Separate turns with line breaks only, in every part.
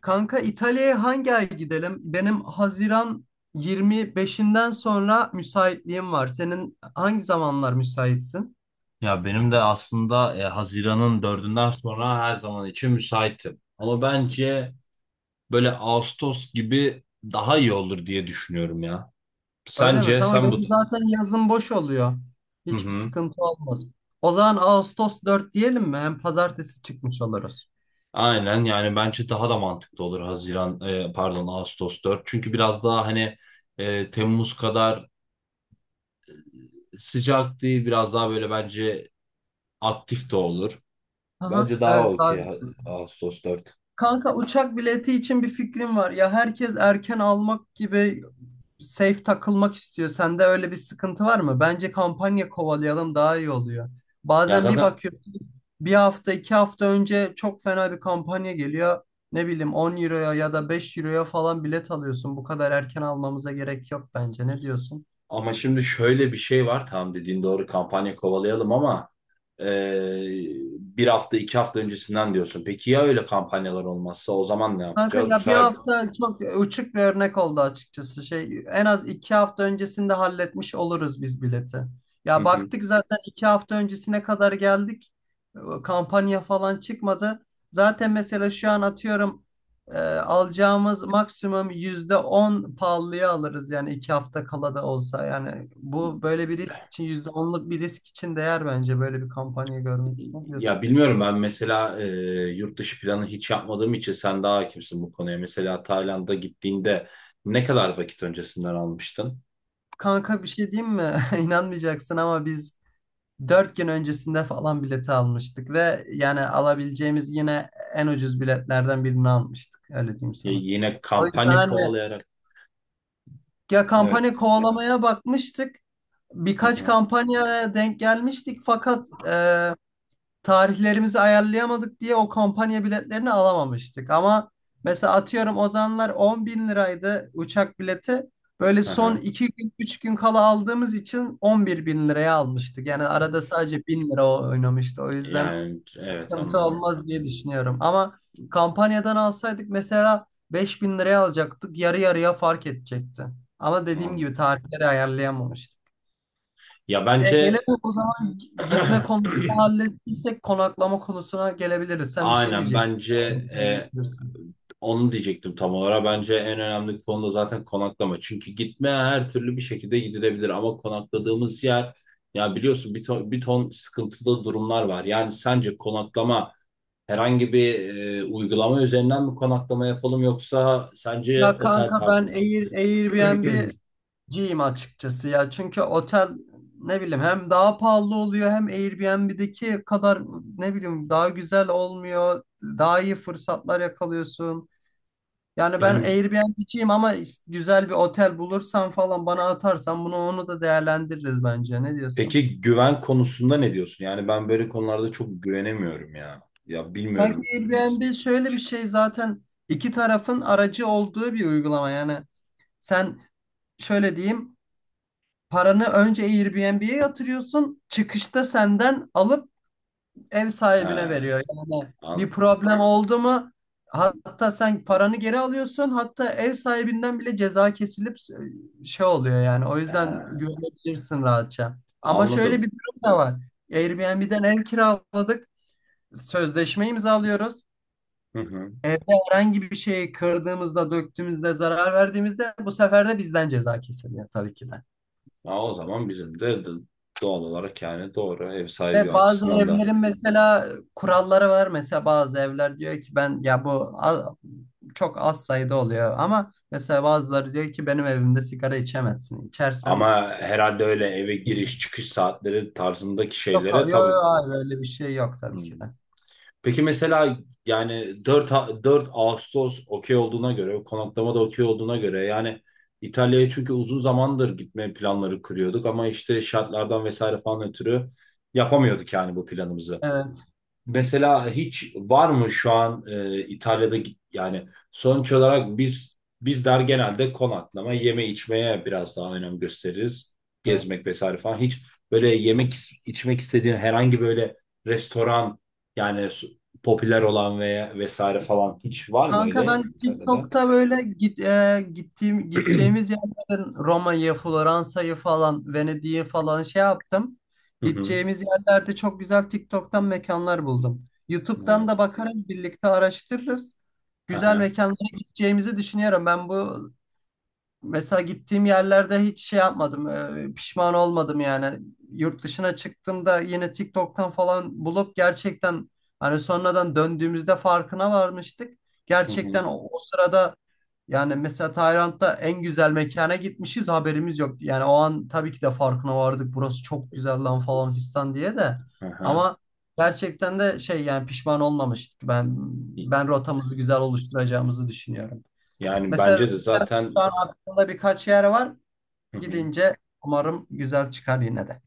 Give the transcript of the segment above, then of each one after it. Kanka İtalya'ya hangi ay gidelim? Benim Haziran 25'inden sonra müsaitliğim var. Senin hangi zamanlar müsaitsin?
Ya benim de aslında Haziran'ın dördünden sonra her zaman için müsaitim. Ama bence böyle Ağustos gibi daha iyi olur diye düşünüyorum ya.
Öyle mi?
Sence
Tamam
sen bu...
benim zaten yazın boş oluyor.
Hı
Hiçbir
hı.
sıkıntı olmaz. O zaman Ağustos 4 diyelim mi? Hem pazartesi çıkmış oluruz.
Aynen yani bence daha da mantıklı olur Haziran pardon Ağustos 4. Çünkü biraz daha hani Temmuz kadar sıcak değil biraz daha böyle bence aktif de olur.
Aha,
Bence daha
evet
okey
daha.
Ağustos 4.
Kanka uçak bileti için bir fikrim var. Ya herkes erken almak gibi safe takılmak istiyor. Sende öyle bir sıkıntı var mı? Bence kampanya kovalayalım daha iyi oluyor.
Ya
Bazen bir
zaten.
bakıyorsun bir hafta iki hafta önce çok fena bir kampanya geliyor. Ne bileyim 10 euroya ya da 5 euroya falan bilet alıyorsun. Bu kadar erken almamıza gerek yok bence. Ne diyorsun?
Ama şimdi şöyle bir şey var. Tamam dediğin doğru kampanya kovalayalım ama eee, bir hafta iki hafta öncesinden diyorsun. Peki ya öyle kampanyalar olmazsa o zaman ne
Kanka
yapacağız? Bu
ya bir
sefer...
hafta çok uçuk bir örnek oldu açıkçası. Şey en az iki hafta öncesinde halletmiş oluruz biz bileti.
Hı
Ya
hı.
baktık zaten iki hafta öncesine kadar geldik. Kampanya falan çıkmadı. Zaten mesela şu an atıyorum alacağımız maksimum %10 pahalıya alırız yani iki hafta kala da olsa. Yani bu böyle bir risk için %10'luk bir risk için değer bence böyle bir kampanya görmek. Ne
Ya
diyorsun?
bilmiyorum ben mesela yurt dışı planı hiç yapmadığım için sen daha hakimsin bu konuya. Mesela Tayland'a gittiğinde ne kadar vakit öncesinden almıştın?
Kanka bir şey diyeyim mi? İnanmayacaksın ama biz dört gün öncesinde falan bileti almıştık ve yani alabileceğimiz yine en ucuz biletlerden birini almıştık. Öyle diyeyim sana.
Yine
O yüzden
kampanya
hani
kovalayarak.
ya kampanya
Evet.
kovalamaya bakmıştık.
Hı
Birkaç
hı.
kampanyaya denk gelmiştik fakat tarihlerimizi ayarlayamadık diye o kampanya biletlerini alamamıştık. Ama mesela atıyorum o zamanlar 10 bin liraydı uçak bileti. Böyle
Hı
son
hı.
2 gün 3 gün kala aldığımız için 11 bin liraya almıştık. Yani arada sadece 1.000 lira oynamıştı. O yüzden
Yani evet
sıkıntı
anladım.
olmaz diye düşünüyorum. Ama kampanyadan alsaydık mesela 5 bin liraya alacaktık. Yarı yarıya fark edecekti. Ama dediğim
Anladım.
gibi tarihleri ayarlayamamıştık.
Ya
Ya
bence...
gelelim o zaman gitme konusunu hallettiysek konaklama konusuna gelebiliriz. Sen bir şey
Aynen
diyecektin.
bence e,
Söyleyebilirsin.
onu diyecektim tam olarak. Bence en önemli konu da zaten konaklama. Çünkü gitme her türlü bir şekilde gidilebilir ama konakladığımız yer, ya biliyorsun, bir ton, bir ton sıkıntılı durumlar var. Yani sence konaklama herhangi bir uygulama üzerinden mi konaklama yapalım, yoksa sence
Ya
otel
kanka ben
tarzında mı?
Airbnb'ciyim açıkçası ya. Çünkü otel ne bileyim hem daha pahalı oluyor hem Airbnb'deki kadar ne bileyim daha güzel olmuyor. Daha iyi fırsatlar yakalıyorsun. Yani ben
Yani
Airbnb'ciyim ama güzel bir otel bulursan falan bana atarsan bunu onu da değerlendiririz bence. Ne diyorsun?
peki güven konusunda ne diyorsun? Yani ben böyle konularda çok güvenemiyorum ya. Ya
Sanki
bilmiyorum.
Airbnb şöyle bir şey zaten iki tarafın aracı olduğu bir uygulama. Yani sen şöyle diyeyim paranı önce Airbnb'ye yatırıyorsun çıkışta senden alıp ev
He,
sahibine veriyor. Yani bir
an-
problem oldu mu hatta sen paranı geri alıyorsun hatta ev sahibinden bile ceza kesilip şey oluyor yani o
he,
yüzden güvenebilirsin rahatça. Ama şöyle bir
anladım.
durum da var. Airbnb'den ev kiraladık, sözleşme imzalıyoruz.
Hı hı.
Evde herhangi bir şeyi kırdığımızda, döktüğümüzde, zarar verdiğimizde bu sefer de bizden ceza kesiliyor tabii ki de.
Ha, o zaman bizim de doğal olarak, yani doğru, ev sahibi
Ve bazı
açısından da.
evlerin mesela kuralları var. Mesela bazı evler diyor ki ben ya bu a- çok az sayıda oluyor ama mesela bazıları diyor ki benim evimde sigara içemezsin. İçersen
Ama herhalde öyle eve
yok,
giriş çıkış saatleri tarzındaki
yok,
şeylere tabii.
hayır öyle bir şey yok
Hı.
tabii ki de.
Peki mesela yani 4 Ağustos okey olduğuna göre, konaklama da okey olduğuna göre yani İtalya'ya, çünkü uzun zamandır gitme planları kuruyorduk ama işte şartlardan vesaire falan ötürü yapamıyorduk yani bu planımızı.
Evet.
Mesela hiç var mı şu an İtalya'da yani sonuç olarak biz bizler genelde konaklama, yeme içmeye biraz daha önem gösteririz.
Evet.
Gezmek vesaire falan. Hiç böyle yemek içmek istediğin herhangi böyle restoran, yani popüler olan veya vesaire falan hiç var mı
Kanka
öyle
ben
İtalya'da?
TikTok'ta böyle gittiğim
Hı
gideceğimiz yerlerin Roma'yı, Floransa'yı falan, Venedik'i falan şey yaptım.
hı.
Gideceğimiz yerlerde çok güzel TikTok'tan mekanlar buldum.
Hı
YouTube'dan
hı.
da bakarız, birlikte araştırırız.
Hı
Güzel
hı.
mekanlara gideceğimizi düşünüyorum. Ben bu. Mesela gittiğim yerlerde hiç şey yapmadım, pişman olmadım yani. Yurt dışına çıktığımda yine TikTok'tan falan bulup gerçekten hani sonradan döndüğümüzde farkına varmıştık.
Hı hı.
Gerçekten o sırada yani mesela Tayland'da en güzel mekana gitmişiz haberimiz yok. Yani o an tabii ki de farkına vardık burası çok güzel lan falan fistan diye de.
Hı.
Ama gerçekten de şey yani pişman olmamıştık. Ben rotamızı güzel oluşturacağımızı düşünüyorum.
Yani
Mesela
bence de
zaten şu
zaten,
an aklımda birkaç yer var.
hı hı.
Gidince umarım güzel çıkar yine de.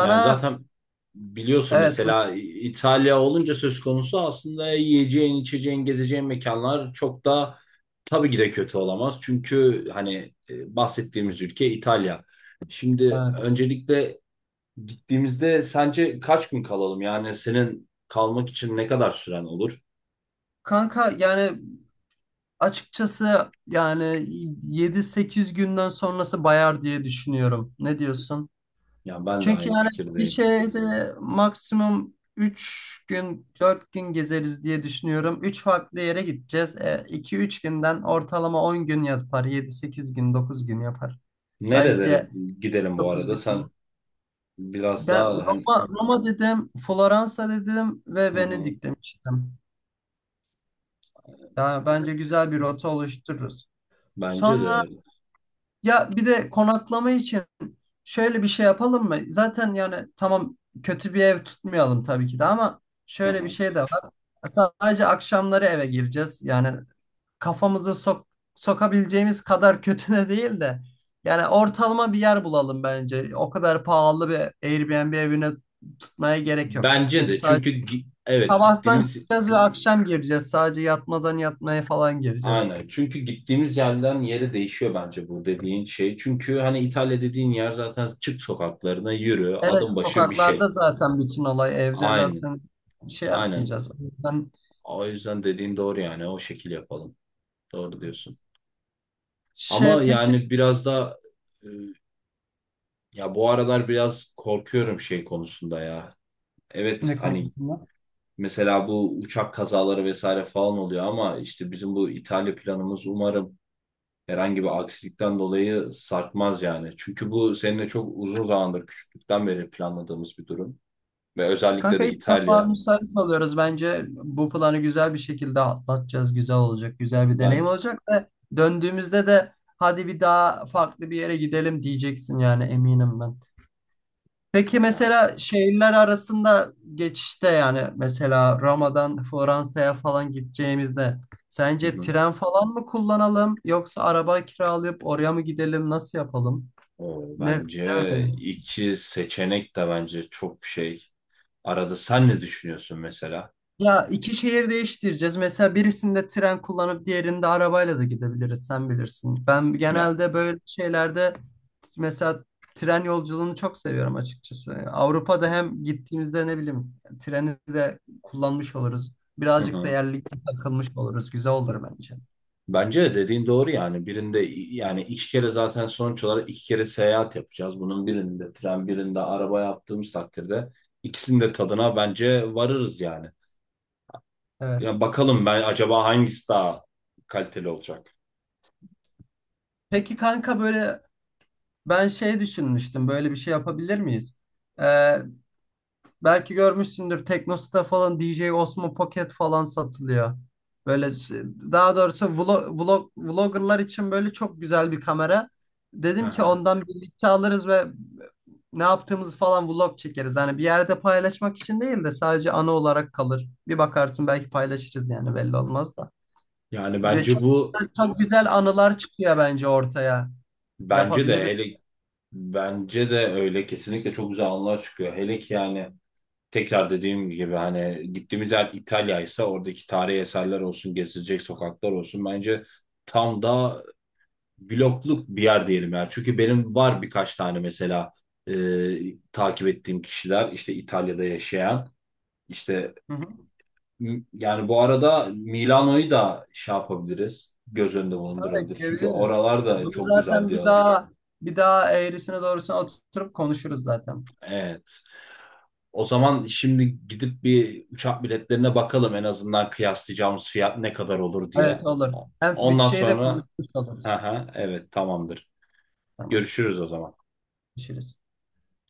Yani zaten biliyorsun
evet, buyur.
mesela İtalya olunca söz konusu, aslında yiyeceğin, içeceğin, gezeceğin mekanlar çok da tabii ki de kötü olamaz. Çünkü hani bahsettiğimiz ülke İtalya. Şimdi
Evet.
öncelikle gittiğimizde sence kaç gün kalalım? Yani senin kalmak için ne kadar süren olur?
Kanka yani açıkçası yani yedi sekiz günden sonrası bayar diye düşünüyorum. Ne diyorsun?
Yani ben de
Çünkü
aynı
yani bir
fikirdeyim.
şehri maksimum 3 gün 4 gün gezeriz diye düşünüyorum. 3 farklı yere gideceğiz. 2 üç günden ortalama 10 gün yapar. Yedi sekiz gün 9 gün yapar.
Nerelere
Bence
gidelim bu
9
arada?
gün.
Sen biraz
Ben
daha hani,
Roma dedim, Floransa dedim ve
hı hı,
Venedik demiştim. Yani bence güzel bir rota oluştururuz.
bence
Sonra
de,
ya bir de konaklama için şöyle bir şey yapalım mı? Zaten yani tamam kötü bir ev tutmayalım tabii ki de ama
hı
şöyle bir
hı.
şey de var. Sadece akşamları eve gireceğiz. Yani kafamızı sokabileceğimiz kadar kötü de değil de yani ortalama bir yer bulalım bence. O kadar pahalı bir Airbnb evine tutmaya gerek yok.
Bence
Çünkü
de
sadece
çünkü evet,
sabahtan
gittiğimiz...
çıkacağız ve akşam gireceğiz. Sadece yatmadan yatmaya falan gireceğiz.
Aynen. Çünkü gittiğimiz yerden yere değişiyor bence bu dediğin şey. Çünkü hani İtalya dediğin yer, zaten çık sokaklarına yürü,
Evet,
adım başı bir şey.
sokaklarda zaten bütün olay. Evde
Aynen.
zaten şey
Aynen.
yapmayacağız. O yüzden
O yüzden dediğin doğru yani. O şekil yapalım. Doğru diyorsun. Ama
şey, peki,
yani biraz da e, ya bu aralar biraz korkuyorum şey konusunda ya. Evet
ne
hani
konusunda?
mesela bu uçak kazaları vesaire falan oluyor, ama işte bizim bu İtalya planımız umarım herhangi bir aksilikten dolayı sarkmaz yani. Çünkü bu seninle çok uzun zamandır, küçüklükten beri planladığımız bir durum. Ve özellikle
Kanka
de
ilk defa
İtalya.
müsait oluyoruz. Bence bu planı güzel bir şekilde atlatacağız. Güzel olacak. Güzel bir
Ben,
deneyim olacak ve döndüğümüzde de hadi bir daha farklı bir yere gidelim diyeceksin yani eminim ben. Peki
yani,
mesela şehirler arasında geçişte yani mesela Roma'dan Fransa'ya falan gideceğimizde
hı
sence
hı.
tren falan mı kullanalım yoksa araba kiralayıp oraya mı gidelim, nasıl yapalım?
O,
Ne
bence
önerirsin?
iki seçenek de bence çok şey. Arada sen ne düşünüyorsun mesela?
Ya iki şehir değiştireceğiz. Mesela birisinde tren kullanıp diğerinde arabayla da gidebiliriz. Sen bilirsin. Ben
Ya,
genelde böyle şeylerde mesela tren yolculuğunu çok seviyorum açıkçası. Avrupa'da hem gittiğimizde ne bileyim treni de kullanmış oluruz.
hı
Birazcık da
hı.
yerli takılmış oluruz. Güzel olur bence.
Bence de dediğin doğru yani birinde yani iki kere, zaten sonuç olarak iki kere seyahat yapacağız. Bunun birinde tren, birinde araba yaptığımız takdirde ikisinin de tadına bence varırız yani.
Evet.
Ya bakalım, ben acaba hangisi daha kaliteli olacak?
Peki kanka böyle ben şey düşünmüştüm. Böyle bir şey yapabilir miyiz? Ee, Belki görmüşsündür Teknosa'da falan DJ Osmo Pocket falan satılıyor. Böyle şey- Daha doğrusu vloggerlar için böyle çok güzel bir kamera.
Hı
Dedim ki
hı.
ondan birlikte alırız ve ne yaptığımızı falan vlog çekeriz. Hani bir yerde paylaşmak için değil de sadece ana olarak kalır. Bir bakarsın belki paylaşırız yani belli olmaz da.
Yani
Ve
bence
çok,
bu,
çok güzel anılar çıkıyor bence ortaya.
bence de
Yapabiliriz.
hele, bence de öyle, kesinlikle çok güzel anılar çıkıyor. Hele ki yani, tekrar dediğim gibi, hani gittiğimiz yer İtalya ise, oradaki tarihi eserler olsun, gezilecek sokaklar olsun, bence tam da blokluk bir yer diyelim yani. Çünkü benim var birkaç tane mesela, e, takip ettiğim kişiler, işte İtalya'da yaşayan, işte...
Hı hı.
Yani bu arada Milano'yu da şey yapabiliriz. Göz önünde
Tabii
bulundurabiliriz. Çünkü
ekleyebiliriz.
oralar da
Bunu
çok güzel
zaten
diyorlar.
bir daha eğrisine doğrusuna oturup konuşuruz zaten.
Evet. O zaman şimdi gidip bir uçak biletlerine bakalım, en azından kıyaslayacağımız fiyat ne kadar olur
Evet
diye.
olur. Hem
Ondan
bütçeyi de
sonra,
konuşmuş oluruz.
aha, evet, tamamdır.
Tamam.
Görüşürüz o zaman.
Konuşuruz.